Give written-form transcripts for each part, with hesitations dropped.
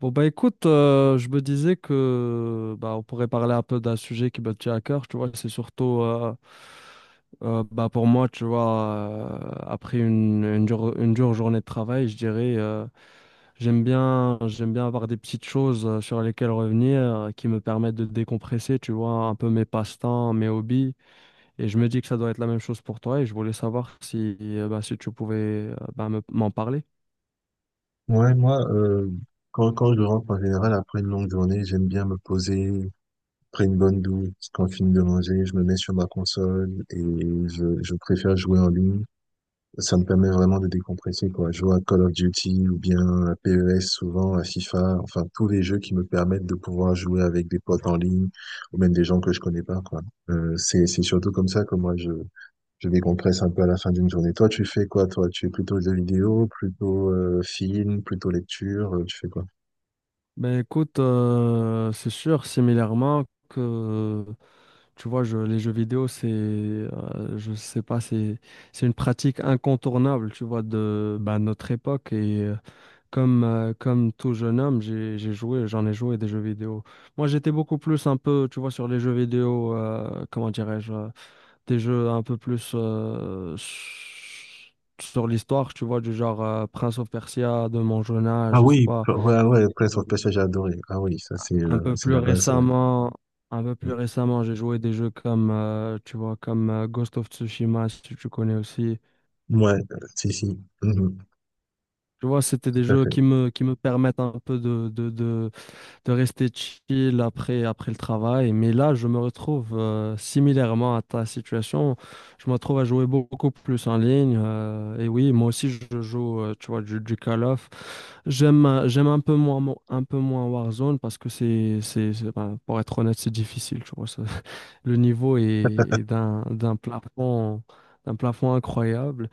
Bon, bah écoute, je me disais que bah, on pourrait parler un peu d'un sujet qui me tient à cœur, tu vois. C'est surtout pour moi, tu vois, après une dure journée de travail, je dirais, j'aime bien avoir des petites choses sur lesquelles revenir qui me permettent de décompresser, tu vois, un peu mes passe-temps, mes hobbies, et je me dis que ça doit être la même chose pour toi, et je voulais savoir si, si tu pouvais m'en parler. Ouais, moi, quand je rentre en général après une longue journée, j'aime bien me poser, après une bonne douche, quand je finis de manger, je me mets sur ma console et je préfère jouer en ligne. Ça me permet vraiment de décompresser, quoi. Jouer à Call of Duty ou bien à PES souvent, à FIFA, enfin tous les jeux qui me permettent de pouvoir jouer avec des potes en ligne ou même des gens que je connais pas, quoi. C'est surtout comme ça que moi je décompresse un peu à la fin d'une journée. Toi, tu fais quoi, toi? Tu es plutôt jeux vidéo, plutôt film, plutôt lecture, tu fais quoi? Ben écoute, c'est sûr, que, tu vois, les jeux vidéo, c'est, je sais pas, c'est une pratique incontournable, tu vois, de ben, notre époque. Et comme tout jeune homme, j'ai joué, j'en ai joué des jeux vidéo. Moi, j'étais beaucoup plus un peu, tu vois, sur les jeux vidéo, comment dirais-je, des jeux un peu plus sur l'histoire, tu vois, du genre Prince of Persia de mon jeune âge, Ah je sais oui, pas. Ouais, ouais, Prince of Persia, j'ai adoré. Ah oui, ça Un peu c'est plus la base, ouais. récemment, un peu plus Mm. récemment, j'ai joué des jeux comme, Ghost of Tsushima, si tu connais aussi. Ouais, si, si, mhm, Tu vois, c'était des tout à jeux fait. Qui me permettent un peu de rester chill après, après le travail. Mais là, je me retrouve similairement à ta situation. Je me retrouve à jouer beaucoup plus en ligne. Et oui, moi aussi, je joue, tu vois, du Call of. J'aime, un peu moins Warzone parce que ben, pour être honnête, c'est difficile, tu vois. Ça. Le niveau est, est d'un plafond incroyable.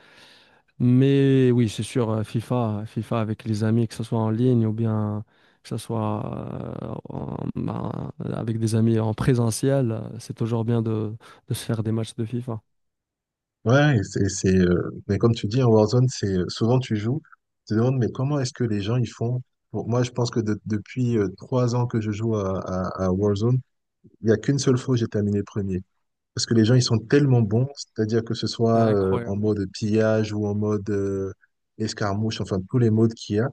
Mais oui, c'est sûr, FIFA avec les amis, que ce soit en ligne ou bien que ce soit ben, avec des amis en présentiel, c'est toujours bien de se faire des matchs de FIFA. Ouais, et mais comme tu dis, en Warzone, souvent tu joues, tu te demandes, mais comment est-ce que les gens, ils font? Bon, moi, je pense que depuis 3 ans que je joue à Warzone, il n'y a qu'une seule fois où j'ai terminé premier. Parce que les gens, ils sont tellement bons, c'est-à-dire que ce C'est soit en incroyable. mode pillage ou en mode escarmouche, enfin tous les modes qu'il y a.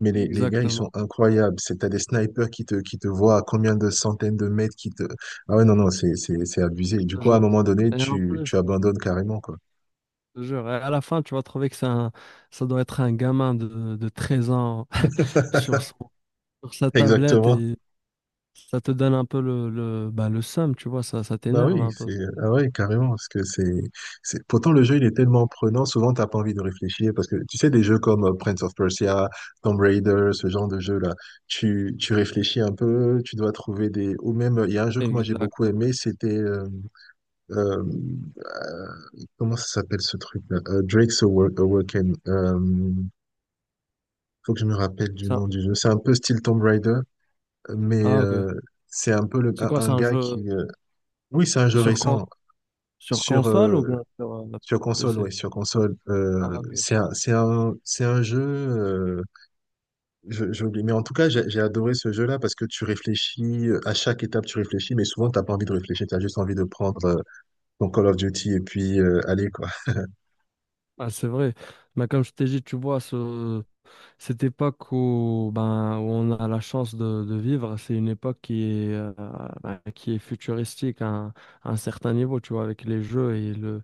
Mais les gars, ils Exactement, sont incroyables. T'as des snipers qui qui te voient à combien de centaines de mètres qui te... Ah ouais, non, non, c'est abusé. je Du te coup, à un jure. moment donné, Et en tu plus, abandonnes carrément, quoi. je te jure, à la fin, tu vas trouver que ça doit être un gamin de 13 ans sur son- sur sa tablette Exactement. et ça te donne un peu le seum, tu vois, ça Bah t'énerve oui, un peu. c'est ah ouais, carrément, parce que c'est pourtant, le jeu il est tellement prenant, souvent t'as pas envie de réfléchir parce que tu sais des jeux comme Prince of Persia, Tomb Raider, ce genre de jeu là, tu réfléchis un peu, tu dois trouver des ou même il y a un jeu que moi j'ai beaucoup Exactement. aimé, c'était euh, euh, comment ça s'appelle ce truc là? Drake's Awaken. Faut que je me rappelle du Ça. nom du jeu. C'est un peu style Tomb Raider, mais Ah, ok. C'est un peu C'est quoi, c'est un un gars jeu qui oui, c'est un c'est jeu sur, con- récent sur sur console ou euh, bien sur sur console. PC? Oui, sur console. Ah, ok. C'est un jeu, j'ai oublié. Mais en tout cas, j'ai adoré ce jeu-là parce que tu réfléchis, à chaque étape, tu réfléchis, mais souvent, t'as pas envie de réfléchir, tu as juste envie de prendre ton Call of Duty et puis aller, quoi. Ah, c'est vrai. Mais comme je t'ai dit, tu vois, cette époque où, ben, où on a la chance de vivre, c'est une époque qui est, ben, qui est futuristique à un certain niveau, tu vois, avec les jeux et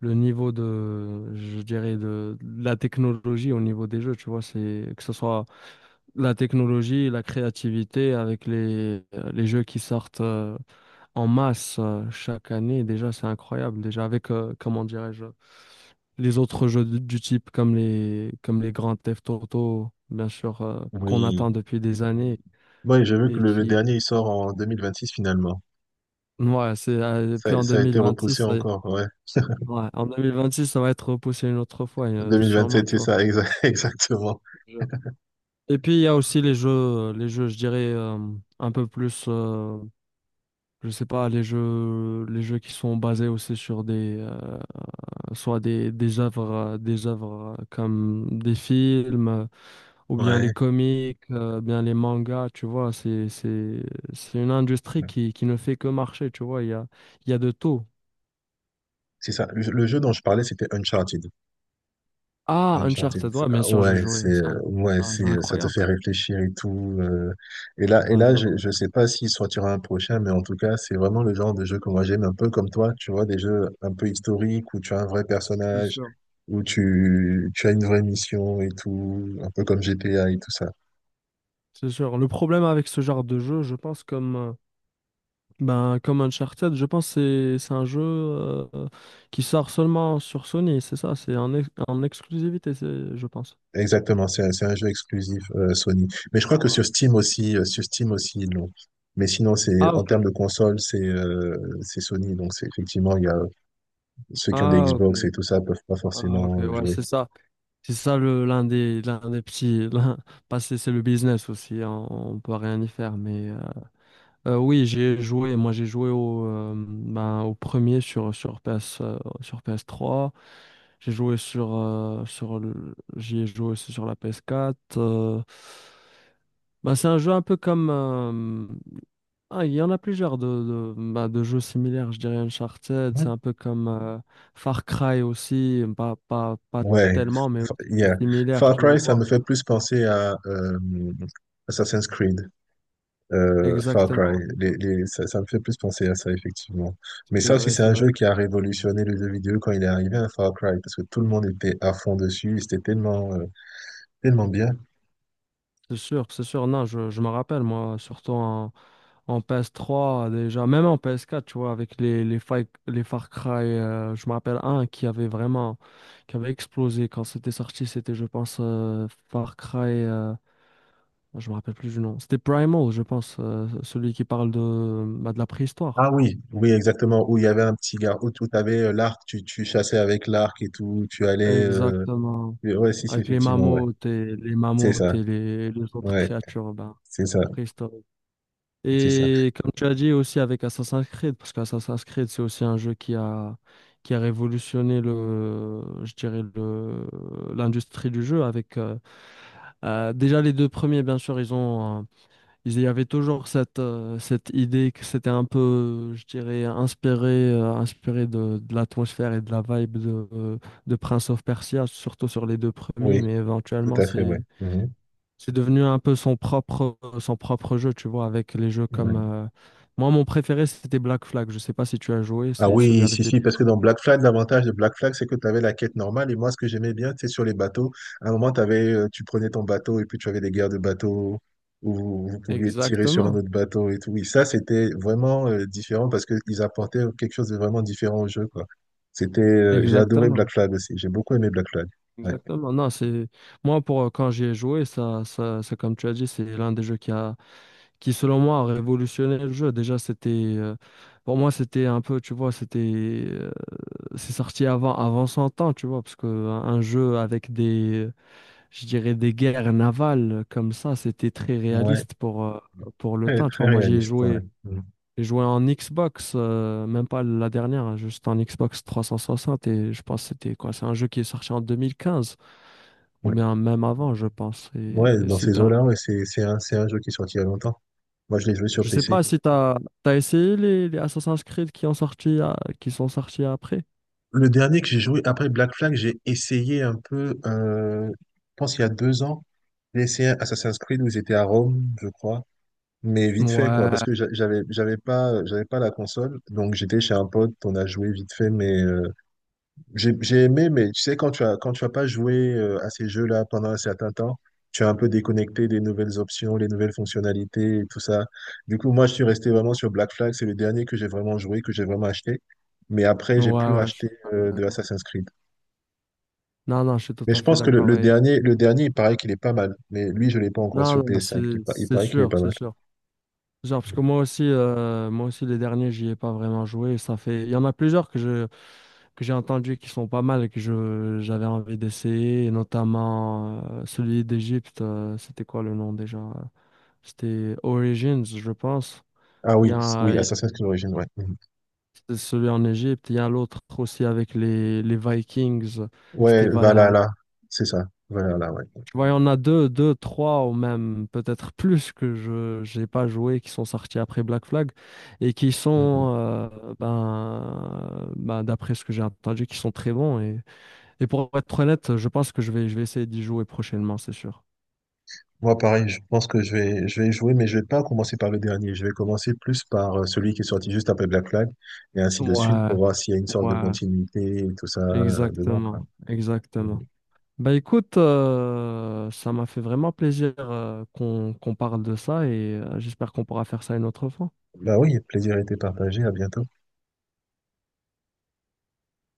le niveau de, je dirais, de la technologie au niveau des jeux, tu vois, c'est que ce soit la technologie et la créativité avec les jeux qui sortent en masse chaque année, déjà c'est incroyable. Déjà avec, comment dirais-je, les autres jeux du type comme les Grand Theft Auto, bien sûr, qu'on Oui. attend depuis des années Moi, j'ai vu que et le qui, dernier, il sort en 2026, finalement. ouais, c'est, puis en Ça a été 2026, repoussé encore, ouais. ouais, en 2026, ça va être repoussé une autre fois, sûrement, 2027, tu c'est vois. ça, exactement. Et puis il y a aussi les jeux, je dirais, un peu plus. Je sais pas, les jeux qui sont basés aussi sur des, des œuvres, comme des films, ou bien les Ouais. comics, bien les mangas, tu vois, c'est une industrie qui ne fait que marcher, tu vois, il y a de tout. C'est ça. Le jeu dont je parlais, c'était Uncharted. Ah, Uncharted, Uncharted, ouais, bien ah sûr, ouais, j'ai joué. Ouais, Un jeu ça te incroyable. fait réfléchir et tout. Et C'est un là, jeu je incroyable. sais pas s'il sortira un prochain, mais en tout cas, c'est vraiment le genre de jeu que moi j'aime, un peu comme toi, tu vois, des jeux un peu historiques où tu as un vrai C'est personnage, sûr. où tu as une vraie mission et tout, un peu comme GTA et tout ça. C'est sûr. Le problème avec ce genre de jeu, je pense, comme, ben, comme Uncharted, je pense que c'est un jeu qui sort seulement sur Sony, c'est ça, c'est en exclusivité, je pense. Exactement, c'est un jeu exclusif Sony. Mais je crois que Pour, sur Steam aussi, ils l'ont. Mais sinon, c'est ah en ok, termes de console, c'est Sony, donc c'est effectivement, il y a ceux qui ont des ah Xbox ok, et tout ça peuvent pas ah ok, forcément ouais, jouer. c'est ça. C'est ça le l'un des petits l'un- pas c'est c'est le business aussi hein, on peut rien y faire mais oui, j'ai joué au ben, au premier sur sur PS sur PS3, j'ai joué sur j'y ai joué aussi sur la PS4, bah, c'est un jeu un peu comme... ah, il y en a plusieurs de jeux similaires. Je dirais Uncharted, c'est Mhm. un peu comme Far Cry aussi, pas Ouais, tellement, mais yeah. aussi similaire, Far tu Cry, ça vois. me fait plus penser à Assassin's Creed. Far Cry, Exactement. D'accord. Ça, ça me fait plus penser à ça, effectivement. Mais C'est ça aussi, vrai, c'est c'est un jeu vrai. qui a révolutionné le jeu vidéo quand il est arrivé à Far Cry, parce que tout le monde était à fond dessus, et c'était tellement, tellement bien. C'est sûr, c'est sûr. Non, je me rappelle, moi, surtout en PS3 déjà, même en PS4, tu vois, avec les Far Cry, je me rappelle un qui avait vraiment, qui avait explosé quand c'était sorti, c'était, je pense, Far Cry. Je me rappelle plus du nom. C'était Primal, je pense, celui qui parle de, bah, de la préhistoire. Ah oui, oui, exactement, où il y avait un petit gars, où tu avais l'arc, tu chassais avec l'arc et tout, tu allais... Exactement. Ouais, si, si, Avec les effectivement, ouais. mammouths et les C'est ça, mammouths et les autres ouais. créatures bah, C'est ça, préhistoriques. c'est ça. Et comme tu as dit aussi avec Assassin's Creed, parce qu'Assassin's Creed, c'est aussi un jeu qui a révolutionné le, je dirais l'industrie du jeu avec déjà les deux premiers, bien sûr, ils ont... Il y avait toujours cette, cette idée que c'était un peu, je dirais, inspiré de l'atmosphère et de la vibe de Prince of Persia, surtout sur les deux Oui, premiers, mais tout éventuellement, à fait, ouais. Mhm. c'est devenu un peu son propre jeu, tu vois, avec les jeux comme... Ouais. Moi, mon préféré, c'était Black Flag. Je sais pas si tu as joué, Ah c'est celui oui, si, avec les... si, parce que dans Black Flag, l'avantage de Black Flag, c'est que tu avais la quête normale. Et moi, ce que j'aimais bien, c'est sur les bateaux. À un moment, tu prenais ton bateau et puis tu avais des guerres de bateaux où vous vous pouviez tirer sur un Exactement, autre bateau et tout. Oui, ça, c'était vraiment différent parce qu'ils apportaient quelque chose de vraiment différent au jeu, quoi. J'ai adoré exactement, Black Flag aussi. J'ai beaucoup aimé Black Flag. Ouais. exactement. Non, c'est... Moi, pour, quand j'y ai joué, ça, c'est comme tu as dit, c'est l'un des jeux qui a... qui selon moi a révolutionné le jeu. Déjà, c'était pour moi c'était un peu, tu vois, c'était c'est sorti avant son temps, tu vois, parce que un jeu avec des, je dirais des guerres navales comme ça, c'était très Ouais. réaliste pour le Très, temps, tu très vois. Moi, j'y ai réaliste, ouais. joué, Mm. j'ai joué en Xbox, même pas la dernière, hein, juste en Xbox 360, et je pense que c'était quoi, c'est un jeu qui est sorti en 2015 ou Ouais, bien même avant, je pense. Ouais, Et dans ces c'était... eaux-là, ouais, c'est un jeu qui est sorti il y a longtemps. Moi, je l'ai joué sur Je sais PC. pas si t'as essayé les Assassin's Creed qui ont qui sont sortis après. Le dernier que j'ai joué après Black Flag, j'ai essayé un peu, je pense il y a 2 ans, j'ai essayé Assassin's Creed où ils étaient à Rome, je crois, mais vite fait, quoi, parce Ouais, que j'avais pas la console, donc j'étais chez un pote, on a joué vite fait, mais j'ai aimé, mais tu sais, quand tu as pas joué à ces jeux-là pendant un certain temps, tu as un peu déconnecté des nouvelles options, les nouvelles fonctionnalités et tout ça. Du coup, moi, je suis resté vraiment sur Black Flag. C'est le dernier que j'ai vraiment joué, que j'ai vraiment acheté. Mais après, ouais, j'ai plus ouais, je suis acheté tout à fait de d'accord. Assassin's Creed. Non, non, je suis tout Mais je à fait pense que d'accord. Et... le dernier, il paraît qu'il est pas mal. Mais lui, je l'ai pas encore Non, sur non, PS5. Il c'est paraît qu'il est sûr, pas c'est mal. sûr. Genre, parce que Mm. Moi aussi, les derniers, j'y ai pas vraiment joué. Ça fait... Il y en a plusieurs que j'ai entendu qui sont pas mal et que je j'avais envie d'essayer, et notamment celui d'Égypte. C'était quoi le nom déjà? C'était Origins, je pense. Ah Il y oui, a, oui, Assassin's Creed Origins, ouais. Mhm. c'est celui en Égypte. Il y a l'autre aussi avec les Vikings. C'était Ouais, Valhalla. Valhalla, c'est ça. Valhalla, ouais. Tu vois, il y en a deux, trois ou même peut-être plus que je j'ai pas joué qui sont sortis après Black Flag et qui Mhm. sont, ben, d'après ce que j'ai entendu, qui sont très bons. Et pour être honnête, je pense que je vais essayer d'y jouer prochainement, c'est sûr. Moi, pareil, je pense que je vais jouer, mais je vais pas commencer par le dernier. Je vais commencer plus par celui qui est sorti juste après Black Flag, et ainsi de suite, Ouais, pour voir s'il y a une sorte de ouais, continuité et tout ça dedans, quoi. exactement, exactement. Mhm. Bah écoute, ça m'a fait vraiment plaisir qu'on parle de ça et j'espère qu'on pourra faire ça une autre fois. Bah oui, plaisir été partagé. À bientôt.